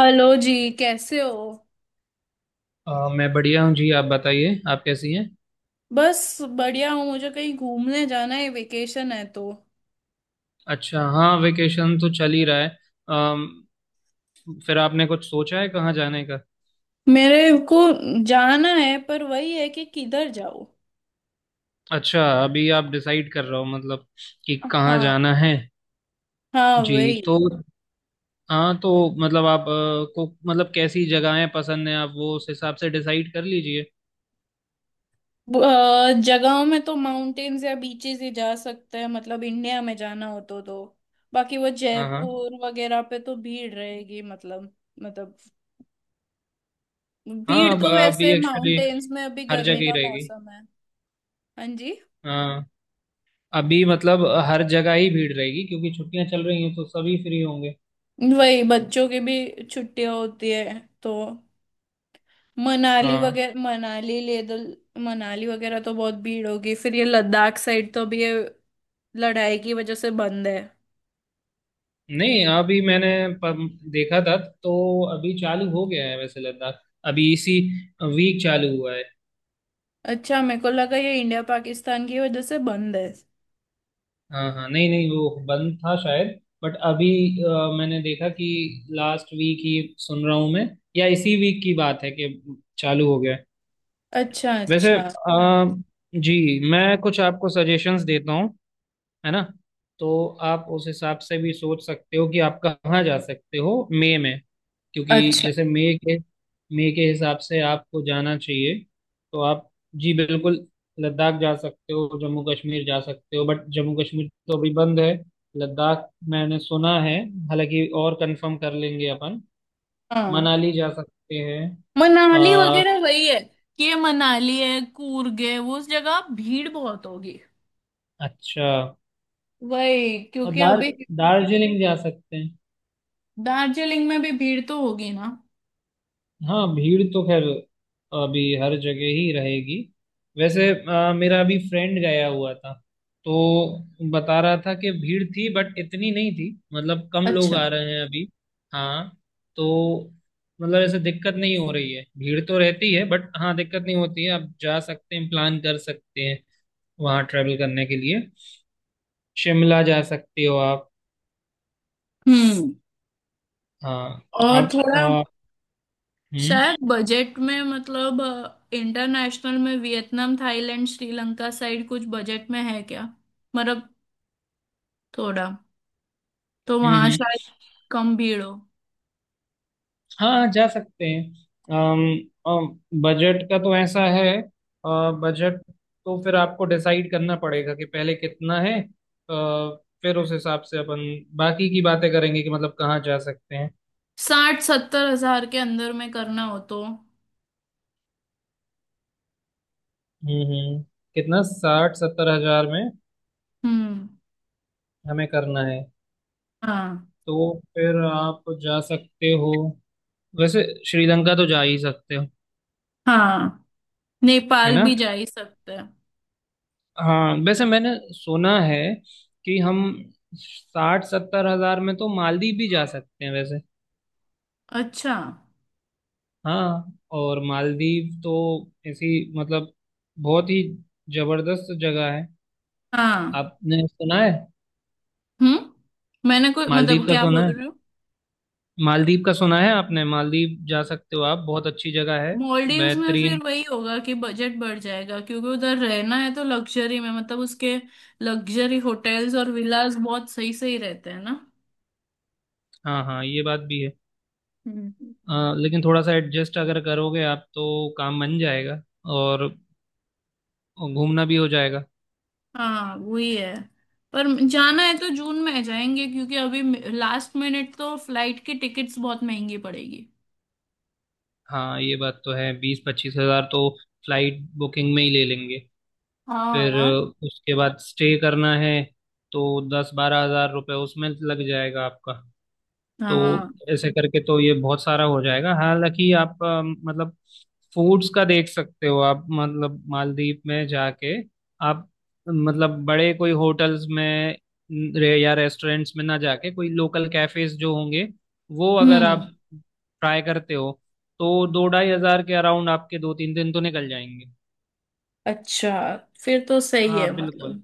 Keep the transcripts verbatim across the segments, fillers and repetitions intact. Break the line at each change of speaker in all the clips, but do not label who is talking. Hello जी, कैसे हो।
अ, मैं बढ़िया हूँ जी। आप बताइए, आप कैसी हैं?
बस बढ़िया हूँ, मुझे कहीं घूमने जाना है, वेकेशन है तो।
अच्छा। हाँ, वेकेशन तो चल ही रहा है। अम, फिर आपने कुछ सोचा है कहाँ जाने का?
मेरे को जाना है पर वही है कि किधर जाओ।
अच्छा, अभी आप डिसाइड कर रहे हो मतलब कि कहाँ
हाँ,
जाना है।
हाँ
जी
वही।
तो, हाँ तो मतलब आप अ, को मतलब कैसी जगहें पसंद हैं, आप वो उस हिसाब से डिसाइड कर लीजिए।
ब- अ, जगहों में तो माउंटेन्स या बीचेस ही जा सकते हैं, मतलब इंडिया में जाना हो तो तो। बाकी वो
हाँ, हाँ,
जयपुर वगैरह पे तो भीड़ रहेगी, मतलब मतलब
हाँ।
भीड़
अब
तो
अभी
वैसे
एक्चुअली
माउंटेन्स में अभी
हर
गर्मी
जगह ही
का
रहेगी।
मौसम है। हाँ जी।
हाँ, अभी मतलब हर जगह ही भीड़ रहेगी क्योंकि छुट्टियां चल रही हैं तो सभी फ्री होंगे।
वही बच्चों की भी छुट्टियां होती है तो मनाली
हाँ।
वगैरह, मनाली ले तो, मनाली वगैरह तो बहुत भीड़ होगी। फिर ये लद्दाख साइड तो अभी ये लड़ाई की वजह से बंद है।
नहीं, अभी मैंने प- देखा था तो अभी चालू हो गया है वैसे, लद्दाख अभी इसी वीक चालू हुआ है।
अच्छा, मेरे को लगा ये इंडिया पाकिस्तान की वजह से बंद है।
हाँ, हाँ, नहीं, नहीं, वो बंद था शायद। बट अभी अ, मैंने देखा कि लास्ट वीक ही सुन रहा हूँ मैं, या इसी वीक की बात है कि चालू हो गया है।
अच्छा,
वैसे,
अच्छा।
अ, जी मैं कुछ आपको सजेशंस देता हूँ, है ना? तो आप उस हिसाब से भी सोच सकते हो कि आप कहाँ जा सकते हो मई में। क्योंकि
अच्छा,
जैसे मई के मई के हिसाब से आपको जाना चाहिए। तो आप, जी बिल्कुल, लद्दाख जा सकते हो, जम्मू कश्मीर जा सकते हो, बट जम्मू कश्मीर तो अभी बंद है। लद्दाख मैंने सुना है, हालांकि और कंफर्म कर लेंगे अपन।
हाँ।
मनाली जा सकते हैं।
मनाली
आ,
वगैरह वही है कि ये मनाली है, कूर्ग है, वो उस जगह भीड़ बहुत होगी।
अच्छा।
वही
और
क्योंकि
दार
अभी।
दार्जिलिंग जा सकते हैं।
दार्जिलिंग में भी भीड़ तो होगी ना।
हाँ, भीड़ तो खैर अभी हर जगह ही रहेगी। वैसे अ, मेरा अभी फ्रेंड गया हुआ था तो बता रहा था कि भीड़ थी बट इतनी नहीं थी, मतलब कम लोग
अच्छा।
आ रहे हैं अभी। हाँ। तो मतलब ऐसे दिक्कत नहीं हो रही है, भीड़ तो रहती है बट हाँ दिक्कत नहीं होती है, आप जा सकते हैं, प्लान कर सकते हैं वहाँ ट्रेवल करने के लिए। शिमला जा सकते हो आप।
हम्म।
हाँ।
और
आप अ,
थोड़ा
हम्म, हम्म,
शायद बजट में, मतलब इंटरनेशनल में वियतनाम, थाईलैंड, श्रीलंका साइड कुछ बजट में है क्या? मतलब थोड़ा तो वहां
हम्म।
शायद कम भीड़ हो।
हाँ, जा सकते हैं। अम बजट का तो ऐसा है, बजट तो फिर आपको डिसाइड करना पड़ेगा कि पहले कितना है, अ, फिर उस हिसाब से अपन बाकी की बातें करेंगे कि मतलब कहाँ जा सकते हैं।
साठ सत्तर हजार के अंदर में करना हो तो।
हम्म, हम्म। कितना, साठ सत्तर हजार में
हम्म।
हमें करना है?
हाँ,
तो फिर आप जा सकते हो, वैसे श्रीलंका तो जा ही सकते हो,
हाँ
है
नेपाल
ना?
भी जा ही सकते हैं।
हाँ, वैसे मैंने सुना है कि हम साठ सत्तर हजार में तो मालदीव भी जा सकते हैं वैसे।
अच्छा।
हाँ। और मालदीव तो ऐसी, मतलब बहुत ही जबरदस्त जगह है।
हाँ।
आपने सुना है?
हम्म। मैंने कोई
मालदीव
मतलब,
का
क्या
सुना
बोल
है?
रही।
मालदीव का सुना है आपने? मालदीव जा सकते हो आप, बहुत अच्छी जगह है,
मॉलडीव्स में फिर
बेहतरीन।
वही होगा कि बजट बढ़ जाएगा क्योंकि उधर रहना है तो लग्जरी में, मतलब उसके लग्जरी होटल्स और विलास बहुत सही सही रहते हैं ना।
हाँ, हाँ, ये बात भी है।
हम्म।
अ, लेकिन थोड़ा सा एडजस्ट अगर करोगे आप तो काम बन जाएगा और घूमना भी हो जाएगा।
हाँ वही है। पर जाना है तो जून में जाएंगे क्योंकि अभी लास्ट मिनट तो फ्लाइट की टिकट्स बहुत महंगी पड़ेगी।
हाँ, ये बात तो है, बीस पच्चीस हजार तो फ्लाइट बुकिंग में ही ले लेंगे।
हाँ
फिर
ना।
अ, उसके बाद स्टे करना है तो दस बारह हजार रुपये उसमें लग जाएगा आपका। तो
हाँ।
ऐसे करके तो ये बहुत सारा हो जाएगा, हालांकि आप अ, मतलब फूड्स का देख सकते हो आप, मतलब मालदीव में जाके आप मतलब बड़े कोई होटल्स में न- रे- या रेस्टोरेंट्स में ना जाके, कोई लोकल कैफेज जो होंगे वो अगर
हम्म।
आप ट्राई करते हो तो दो ढाई हजार के अराउंड आपके दो तीन दिन तो निकल जाएंगे।
अच्छा, फिर तो सही है,
हाँ बिल्कुल,
मतलब।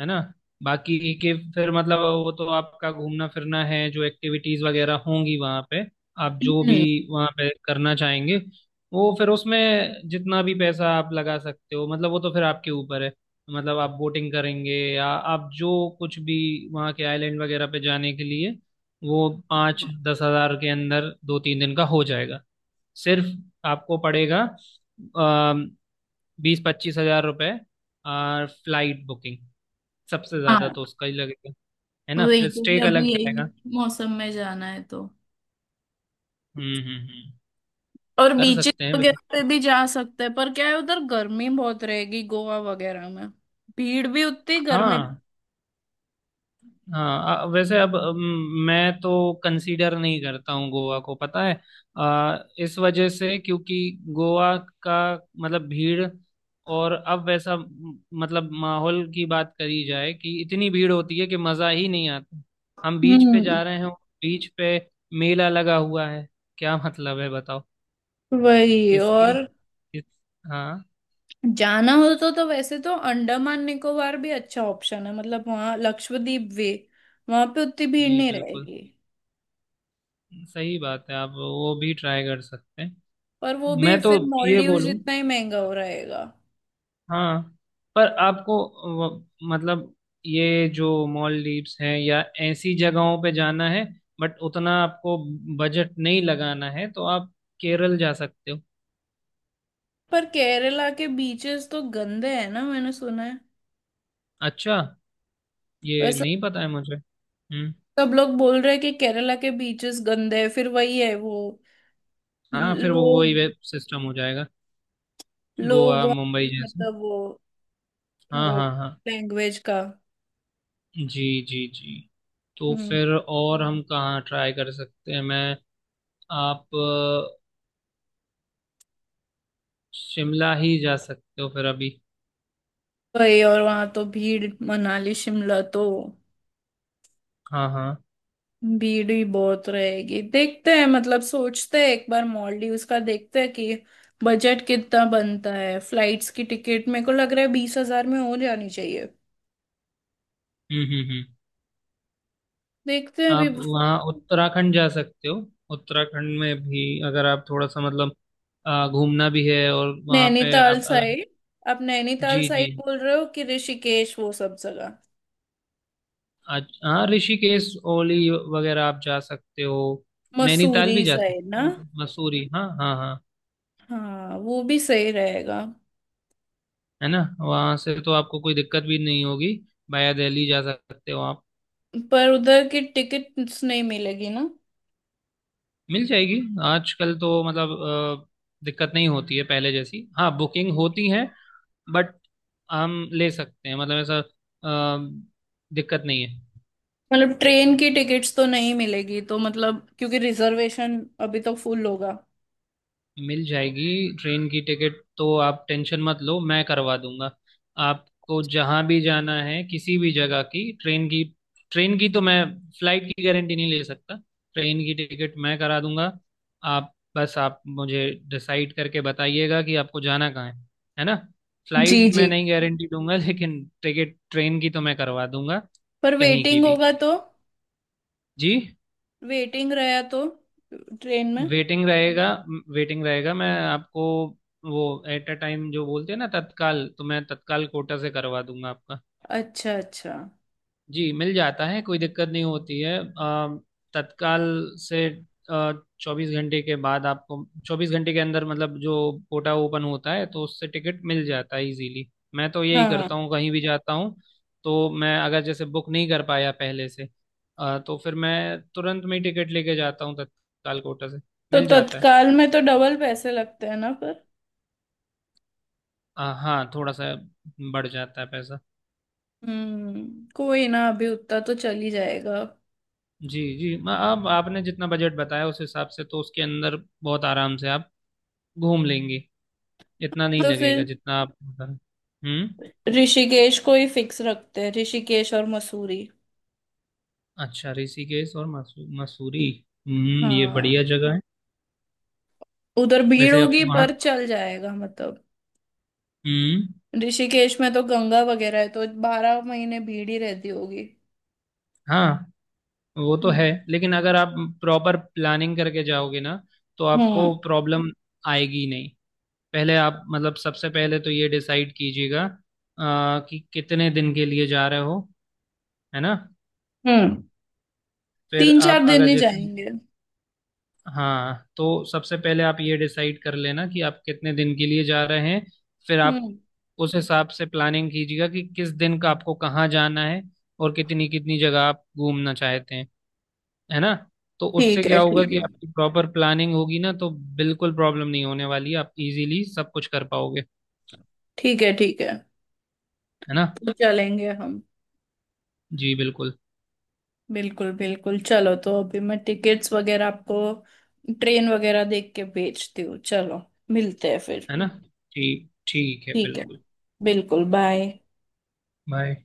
है ना? बाकी के फिर मतलब, वो तो आपका घूमना फिरना है, जो एक्टिविटीज वगैरह होंगी वहाँ पे, आप जो भी
हम्म।
वहाँ पे करना चाहेंगे, वो फिर उसमें जितना भी पैसा आप लगा सकते हो मतलब वो तो फिर आपके ऊपर है। मतलब आप बोटिंग करेंगे या आप जो कुछ भी, वहाँ के आइलैंड वगैरह पे जाने के लिए वो पाँच दस हजार के अंदर दो तीन दिन का हो जाएगा सिर्फ। आपको पड़ेगा बीस पच्चीस हजार रुपये फ्लाइट बुकिंग, सबसे ज्यादा
हाँ
तो उसका ही लगेगा, है ना?
वही
फिर
क्योंकि
स्टे का
अभी
लग
यही
जाएगा।
मौसम में जाना है तो।
हम्म, हम्म, हम्म।
और
कर
बीचेस
सकते हैं वैसे।
वगैरह पे भी जा सकते हैं पर क्या है, उधर गर्मी बहुत रहेगी, गोवा वगैरह में। भीड़ भी उतनी, गर्मी भी।
हाँ, हाँ। अ, वैसे अब, अम, मैं तो कंसीडर नहीं करता हूँ गोवा को, पता है? अ, इस वजह से क्योंकि गोवा का मतलब भीड़, और अब वैसा म, मतलब माहौल की बात करी जाए कि इतनी भीड़ होती है कि मज़ा ही नहीं आता। हम बीच पे
हम्म।
जा रहे हैं, बीच पे मेला लगा हुआ है, क्या मतलब है बताओ।
वही। और
इसकी, इस, हाँ।
जाना हो तो तो वैसे तो अंडमान निकोबार भी अच्छा ऑप्शन है, मतलब वहाँ लक्षद्वीप वे वहां पे उतनी भीड़
जी
नहीं
बिल्कुल,
रहेगी।
सही बात है, आप वो भी ट्राई कर सकते हैं।
पर वो भी
मैं तो
फिर
ये
मॉलडीव
बोलूं,
जितना ही महंगा हो रहेगा।
हाँ। पर आपको वो- मतलब ये जो मॉलडीव्स हैं या ऐसी जगहों पे जाना है बट उतना आपको बजट नहीं लगाना है तो आप केरल जा सकते हो।
पर केरला के बीचेस तो गंदे हैं ना, मैंने सुना है।
अच्छा, ये
वैसे
नहीं पता है मुझे। हम्म।
सब लोग बोल रहे हैं कि केरला के बीचेस गंदे हैं, फिर वही है वो।
हाँ, फिर वो
लोग,
वही वेब सिस्टम हो जाएगा, गोवा
लोग वहाँ,
मुंबई जैसे।
मतलब वो
हाँ,
वो
हाँ, हाँ।
लैंग्वेज का।
जी, जी, जी। तो
हम्म,
फिर और हम कहाँ ट्राई कर सकते हैं, मैं। आप अ, शिमला ही जा सकते हो फिर अभी।
वही। और वहाँ तो भीड़, मनाली शिमला तो
हाँ, हाँ।
भीड़ ही बहुत रहेगी। देखते हैं, मतलब सोचते हैं एक बार, मॉलडीव्स का देखते हैं कि बजट कितना बनता है। फ्लाइट्स की टिकट मेरे को लग रहा है बीस हजार में हो जानी चाहिए।
हम्म, हम्म, हम्म।
देखते हैं अभी।
आप वहाँ उत्तराखंड जा सकते हो। उत्तराखंड में भी अगर आप थोड़ा सा मतलब अ, घूमना भी है और वहाँ पे
नैनीताल
आप अगर।
साइड? आप नैनीताल
जी, जी।
साइड बोल रहे हो कि ऋषिकेश वो सब जगह?
आज, हाँ, ऋषिकेश, ओली वगैरह आप जा सकते हो। नैनीताल
मसूरी
भी जा
साइड
सकते
ना।
हो, मतलब मसूरी, हाँ, हाँ, हाँ।
हाँ, वो भी सही रहेगा।
है ना? वहाँ से तो आपको कोई दिक्कत भी नहीं होगी, वाया दिल्ली जा सकते हो आप।
पर उधर की टिकट्स नहीं मिलेगी ना।
मिल जाएगी, आजकल तो मतलब अ, दिक्कत नहीं होती है पहले जैसी, हाँ बुकिंग होती है, बट हम ले सकते हैं मतलब ऐसा, अ, दिक्कत नहीं है,
मतलब ट्रेन की टिकट्स तो नहीं मिलेगी तो, मतलब क्योंकि रिजर्वेशन अभी तो फुल होगा।
मिल जाएगी। ट्रेन की टिकट तो आप टेंशन मत लो, मैं करवा दूंगा। आपको जहां भी जाना है, किसी भी जगह की ट्रेन की ट्रेन की तो मैं, फ्लाइट की गारंटी नहीं ले सकता, ट्रेन की टिकट मैं करा दूंगा। आप बस आप मुझे डिसाइड करके बताइएगा कि आपको जाना कहाँ है है ना?
जी
फ्लाइट
जी।
में नहीं गारंटी दूंगा लेकिन टिकट ट्रेन की तो मैं करवा दूंगा,
पर
कहीं की
वेटिंग
भी।
होगा तो।
जी।
वेटिंग रहा तो ट्रेन में।
वेटिंग रहेगा, वेटिंग रहेगा। मैं आपको वो एट अ टाइम जो बोलते हैं ना, तत्काल, तो मैं तत्काल कोटा से करवा दूंगा आपका।
अच्छा, अच्छा।
जी मिल जाता है, कोई दिक्कत नहीं होती है। अ, तत्काल से चौबीस घंटे के बाद आपको, चौबीस घंटे के अंदर मतलब, जो कोटा ओपन होता है तो उससे टिकट मिल जाता है इजीली। मैं तो यही
हाँ
करता हूँ कहीं भी जाता हूँ, तो मैं अगर जैसे बुक नहीं कर पाया पहले से, अ, तो फिर मैं तुरंत में ही टिकट लेके जाता हूँ तत्काल कोटा से।
तो
मिल जाता है।
तत्काल में तो डबल पैसे लगते हैं ना पर।
आ, हाँ, थोड़ा सा बढ़ जाता है पैसा।
हम्म, कोई ना, अभी उतना तो चल ही जाएगा।
जी, जी। म- अब आपने जितना बजट बताया उस हिसाब से तो उसके अंदर बहुत आराम से आप घूम लेंगे, इतना नहीं
तो
लगेगा
फिर
जितना आप बता- हम्म।
ऋषिकेश को ही फिक्स रखते हैं, ऋषिकेश और मसूरी।
अच्छा, ऋषिकेश और मसू, मसूरी, हम्म, ये बढ़िया
हाँ।
जगह है।
उधर भीड़
वैसे आप
होगी
वहाँ,
पर चल जाएगा, मतलब
हम्म,
ऋषिकेश में तो गंगा वगैरह है तो बारह महीने भीड़ ही रहती होगी।
हाँ, वो तो है
हम्म,
लेकिन अगर आप प्रॉपर प्लानिंग करके जाओगे ना तो आपको
हम्म,
प्रॉब्लम आएगी नहीं। पहले आप मतलब, सबसे पहले तो ये डिसाइड कीजिएगा आ, कि कितने दिन के लिए जा रहे हो, है ना?
हम्म।
फिर
तीन चार
आप
दिन
अगर
ही
जैसे,
जाएंगे।
हाँ, तो सबसे पहले आप ये डिसाइड कर लेना कि आप कितने दिन के लिए जा रहे हैं। फिर आप
हम्म।
उस हिसाब से प्लानिंग कीजिएगा कि किस दिन का आपको कहाँ जाना है और कितनी कितनी जगह आप घूमना चाहते हैं, है ना? तो उससे
ठीक है,
क्या होगा
ठीक है।
कि आपकी प्रॉपर प्लानिंग होगी ना, तो बिल्कुल प्रॉब्लम नहीं होने वाली है, आप इजीली सब कुछ कर पाओगे।
ठीक है, ठीक है।
है ना?
तो चलेंगे हम।
जी बिल्कुल।
बिल्कुल, बिल्कुल, चलो तो अभी मैं टिकट्स वगैरह आपको, ट्रेन वगैरह देख के भेजती हूँ। चलो, मिलते हैं फिर।
है ना? ठीक, ठीक है
ठीक है।
बिल्कुल।
बिल्कुल। बाय।
बाय।